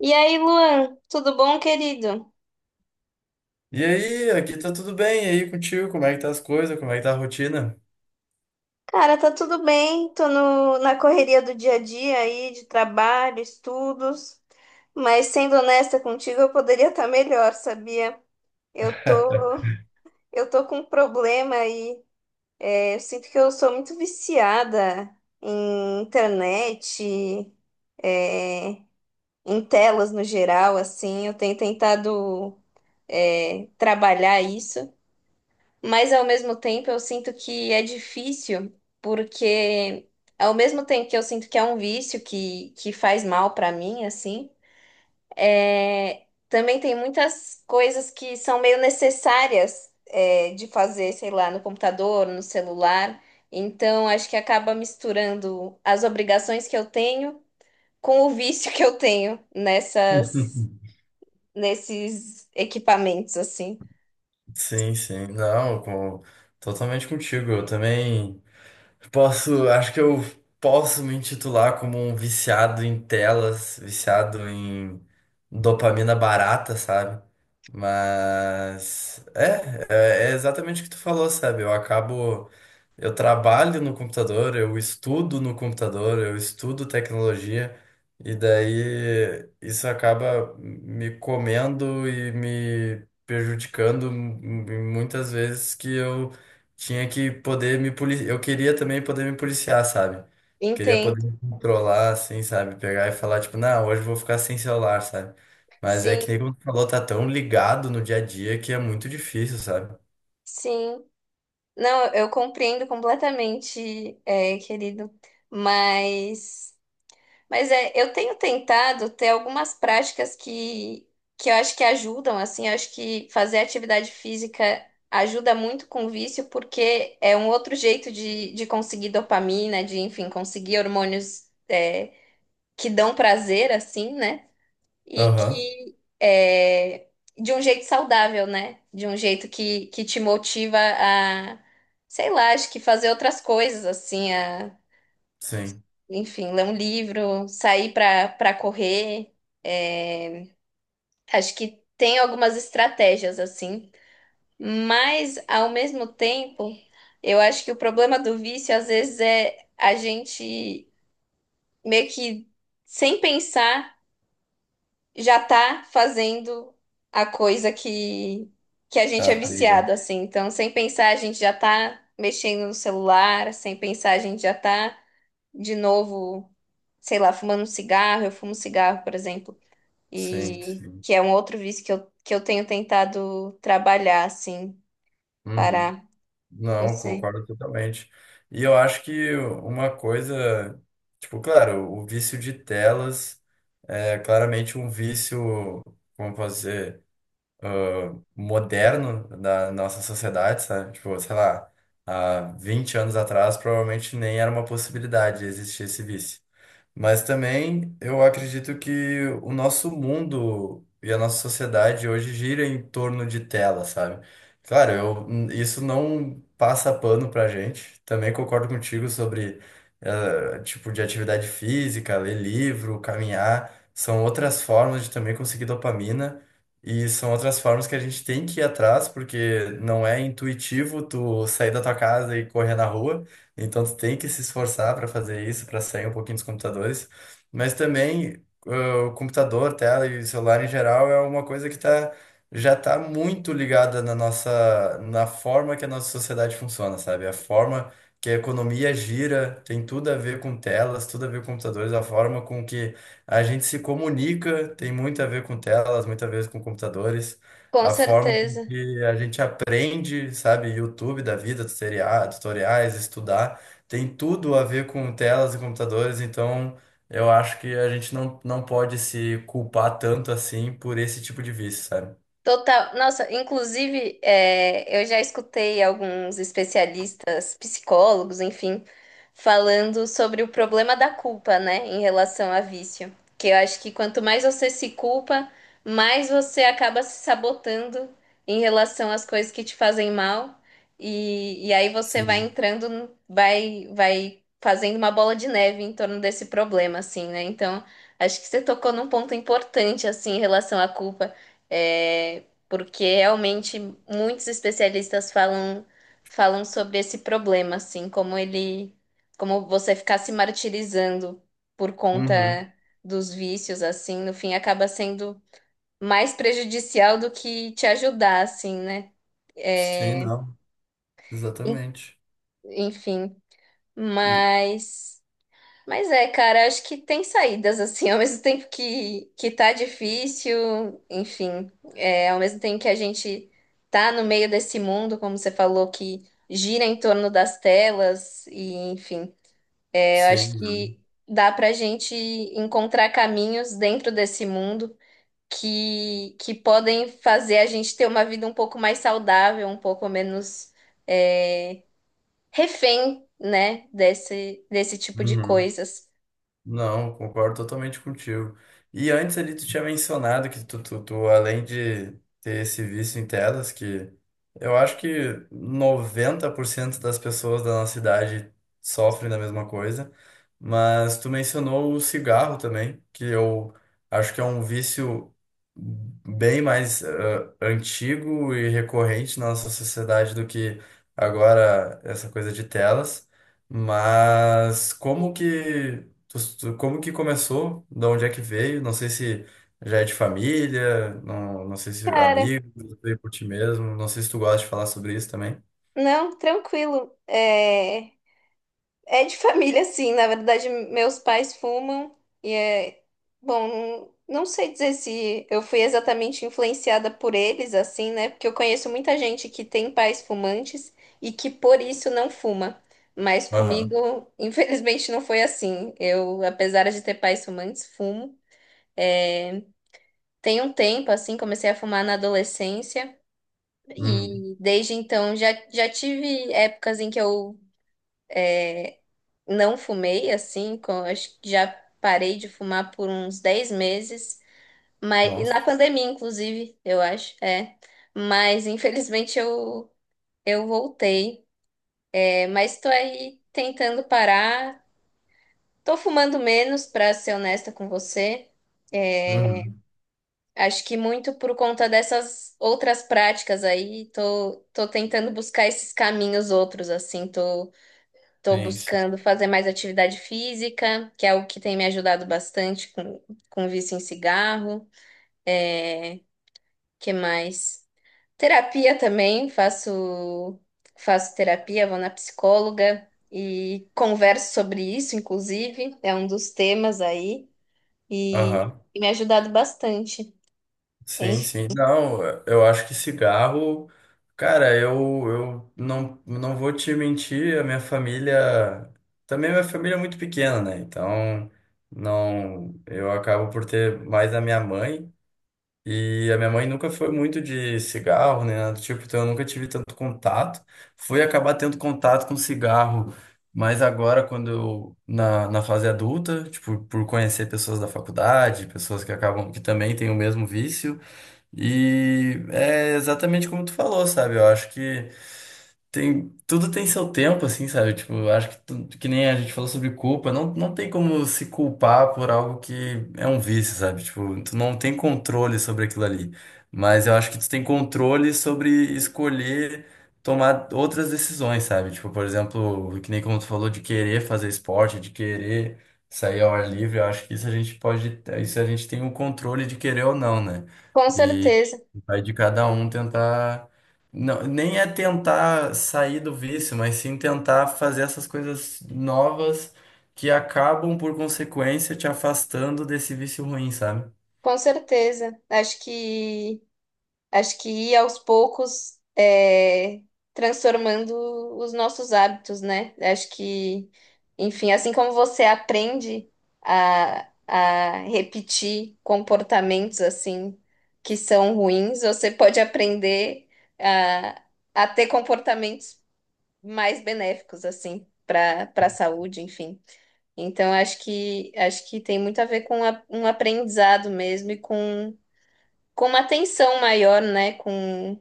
E aí, Luan, tudo bom, querido? E aí, aqui tá tudo bem. E aí contigo, como é que tá as coisas, como é que tá a rotina? Cara, tá tudo bem, tô no, na correria do dia a dia aí, de trabalho, estudos, mas sendo honesta contigo, eu poderia estar melhor, sabia? Eu tô, eu tô com um problema aí, eu sinto que eu sou muito viciada em internet, é, em telas no geral, assim, eu tenho tentado, trabalhar isso. Mas ao mesmo tempo eu sinto que é difícil, porque ao mesmo tempo que eu sinto que é um vício que faz mal pra mim, assim, também tem muitas coisas que são meio necessárias, de fazer, sei lá, no computador, no celular. Então acho que acaba misturando as obrigações que eu tenho com o vício que eu tenho nessas, nesses equipamentos, assim. Sim, sim, não, totalmente contigo. Eu também posso, acho que eu posso me intitular como um viciado em telas, viciado em dopamina barata, sabe? Mas, é exatamente o que tu falou, sabe? Eu acabo. Eu trabalho no computador, eu estudo no computador, eu estudo tecnologia, e daí isso acaba me comendo e me prejudicando muitas vezes que eu tinha que poder me policiar. Eu queria também poder me policiar, sabe? Queria poder Entendo. me controlar, assim, sabe? Pegar e falar, tipo, não, hoje eu vou ficar sem celular, sabe? Mas é Sim, que nem como tu falou, tá tão ligado no dia a dia que é muito difícil, sabe? sim. Não, eu compreendo completamente, querido, mas, mas, eu tenho tentado ter algumas práticas que eu acho que ajudam, assim, eu acho que fazer atividade física ajuda muito com o vício, porque é um outro jeito de conseguir dopamina, enfim, conseguir hormônios, que dão prazer, assim, né? E Aham, que, de um jeito saudável, né? De um jeito que te motiva, sei lá, acho que fazer outras coisas, assim, sim. enfim, ler um livro, sair para correr. é, Acho que tem algumas estratégias, assim, mas ao mesmo tempo, eu acho que o problema do vício, às vezes, é a gente meio que sem pensar, já tá fazendo a coisa que a gente é Tá. viciado, assim. Então, sem pensar, a gente já tá mexendo no celular, sem pensar, a gente já tá de novo, sei lá, fumando um cigarro. Eu fumo cigarro, por exemplo, Sim, e sim. que é um outro vício que eu tenho tentado trabalhar, assim, Uhum. parar. Não Não, sei. concordo totalmente. E eu acho que uma coisa, tipo, claro, o vício de telas é claramente um vício, como fazer, moderno da nossa sociedade, sabe? Tipo, sei lá, há 20 anos atrás provavelmente nem era uma possibilidade de existir esse vício. Mas também eu acredito que o nosso mundo e a nossa sociedade hoje gira em torno de tela, sabe? Claro, eu, isso não passa pano pra gente. Também concordo contigo sobre tipo de atividade física, ler livro, caminhar. São outras formas de também conseguir dopamina e são outras formas que a gente tem que ir atrás, porque não é intuitivo tu sair da tua casa e correr na rua. Então tu tem que se esforçar para fazer isso, para sair um pouquinho dos computadores. Mas também o computador, tela e celular em geral é uma coisa que tá, já está muito ligada na nossa, na forma que a nossa sociedade funciona, sabe? A forma que a economia gira tem tudo a ver com telas, tudo a ver com computadores. A forma com que a gente se comunica tem muito a ver com telas, muito a ver com computadores. Com A forma certeza. e a gente aprende, sabe, YouTube da vida, tutoriais, estudar, tem tudo a ver com telas e computadores. Então eu acho que a gente não pode se culpar tanto assim por esse tipo de vício, sabe? Total. Nossa, inclusive, eu já escutei alguns especialistas, psicólogos, enfim, falando sobre o problema da culpa, né, em relação a vício. Que eu acho que quanto mais você se culpa, mais você acaba se sabotando em relação às coisas que te fazem mal. E aí você vai Sim. entrando, vai fazendo uma bola de neve em torno desse problema, assim, né? Então, acho que você tocou num ponto importante, assim, em relação à culpa, porque realmente muitos especialistas falam sobre esse problema, assim, como ele, como você ficar se martirizando por Uhum. conta dos vícios, assim, no fim acaba sendo mais prejudicial do que te ajudar, assim, né? Sim, É, não. en- Exatamente. enfim, E- mas Mas, cara, acho que tem saídas, assim, ao mesmo tempo que tá difícil, enfim, ao mesmo tempo que a gente tá no meio desse mundo, como você falou, que gira em torno das telas, e enfim, eu Sim, acho não. que dá pra gente encontrar caminhos dentro desse mundo que podem fazer a gente ter uma vida um pouco mais saudável, um pouco menos, é, refém, né, desse tipo de Uhum. coisas. Não, concordo totalmente contigo. E antes ali tu tinha mencionado que além de ter esse vício em telas, que eu acho que 90% das pessoas da nossa idade sofrem da mesma coisa. Mas tu mencionou o cigarro também, que eu acho que é um vício bem mais antigo e recorrente na nossa sociedade do que agora essa coisa de telas. Mas como que como que começou? De onde é que veio? Não sei se já é de família, não, não sei se Cara, amigo, se veio por ti mesmo, não sei se tu gosta de falar sobre isso também. não, tranquilo. É de família, sim. Na verdade, meus pais fumam e é bom. Não sei dizer se eu fui exatamente influenciada por eles, assim, né? Porque eu conheço muita gente que tem pais fumantes e que por isso não fuma. Mas Aham. comigo, infelizmente, não foi assim. Eu, apesar de ter pais fumantes, fumo. É, tem um tempo, assim, comecei a fumar na adolescência Uhum. e desde então já tive épocas em que eu não fumei assim, acho que já parei de fumar por uns 10 meses, mas e Nossa. na pandemia, inclusive, eu acho. Mas infelizmente eu voltei. Mas estou aí tentando parar. Tô fumando menos, para ser honesta com você. É, Uhum. acho que muito por conta dessas outras práticas aí, tô tentando buscar esses caminhos outros, assim, tô. Estou Sim, sim. buscando fazer mais atividade física, que é o que tem me ajudado bastante com o vício em cigarro. É, que mais? Terapia também, faço terapia, vou na psicóloga e converso sobre isso, inclusive, é um dos temas aí, e, Aham. e me ajudado bastante. Sim, Enfim, sim. Não, eu acho que cigarro, cara, eu não vou te mentir. A minha família, também minha família é muito pequena, né? Então, não, eu acabo por ter mais a minha mãe. E a minha mãe nunca foi muito de cigarro, né? Nada do tipo, então eu nunca tive tanto contato. Fui acabar tendo contato com cigarro, mas agora, quando eu, na fase adulta, tipo, por conhecer pessoas da faculdade, pessoas que acabam, que também têm o mesmo vício. E é exatamente como tu falou, sabe? Eu acho que. Tem, tudo tem seu tempo, assim, sabe? Tipo, eu acho que que nem a gente falou sobre culpa, não, não tem como se culpar por algo que é um vício, sabe? Tipo, tu não tem controle sobre aquilo ali. Mas eu acho que tu tem controle sobre escolher tomar outras decisões, sabe? Tipo, por exemplo, que nem como tu falou de querer fazer esporte, de querer sair ao ar livre, eu acho que isso a gente pode, isso a gente tem o controle de querer ou não, né? com E certeza, vai de cada um tentar não, nem é tentar sair do vício, mas sim tentar fazer essas coisas novas que acabam, por consequência, te afastando desse vício ruim, sabe? com certeza. Acho que ir aos poucos, transformando os nossos hábitos, né? Acho que, enfim, assim como você aprende a repetir comportamentos assim que são ruins, você pode aprender a, a ter comportamentos mais benéficos, assim, para a saúde, enfim. Então, acho que tem muito a ver com um aprendizado mesmo e com uma atenção maior, né? Com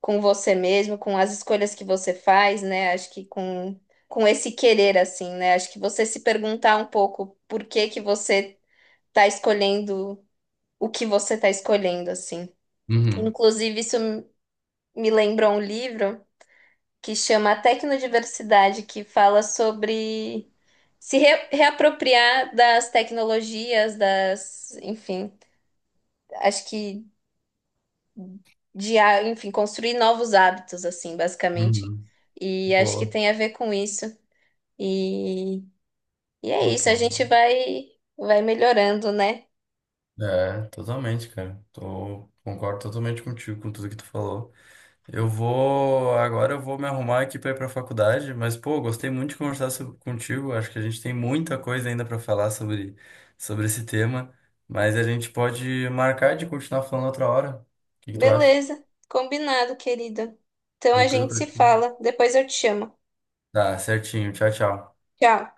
com você mesmo, com as escolhas que você faz, né? Acho que com esse querer, assim, né? Acho que você se perguntar um pouco por que que você tá escolhendo o que você tá escolhendo, assim. Uhum, Inclusive, isso me lembrou um livro que chama Tecnodiversidade, que fala sobre se reapropriar das tecnologias, das, enfim, acho que ah, enfim, construir novos hábitos, assim, basicamente. uhum. E acho que Boa. tem a ver com isso. E, e é Pô, isso, a tô. gente vai melhorando, né? É, totalmente, cara. Tô. Concordo totalmente contigo com tudo que tu falou. Eu vou. Agora eu vou me arrumar aqui para ir para a faculdade. Mas, pô, gostei muito de conversar contigo. Acho que a gente tem muita coisa ainda para falar sobre, sobre esse tema, mas a gente pode marcar de continuar falando outra hora. O que que tu acha? Beleza, combinado, querida. Então a Tranquilo gente pra se ti? fala, depois eu te chamo. Tá, certinho. Tchau, tchau. Tchau.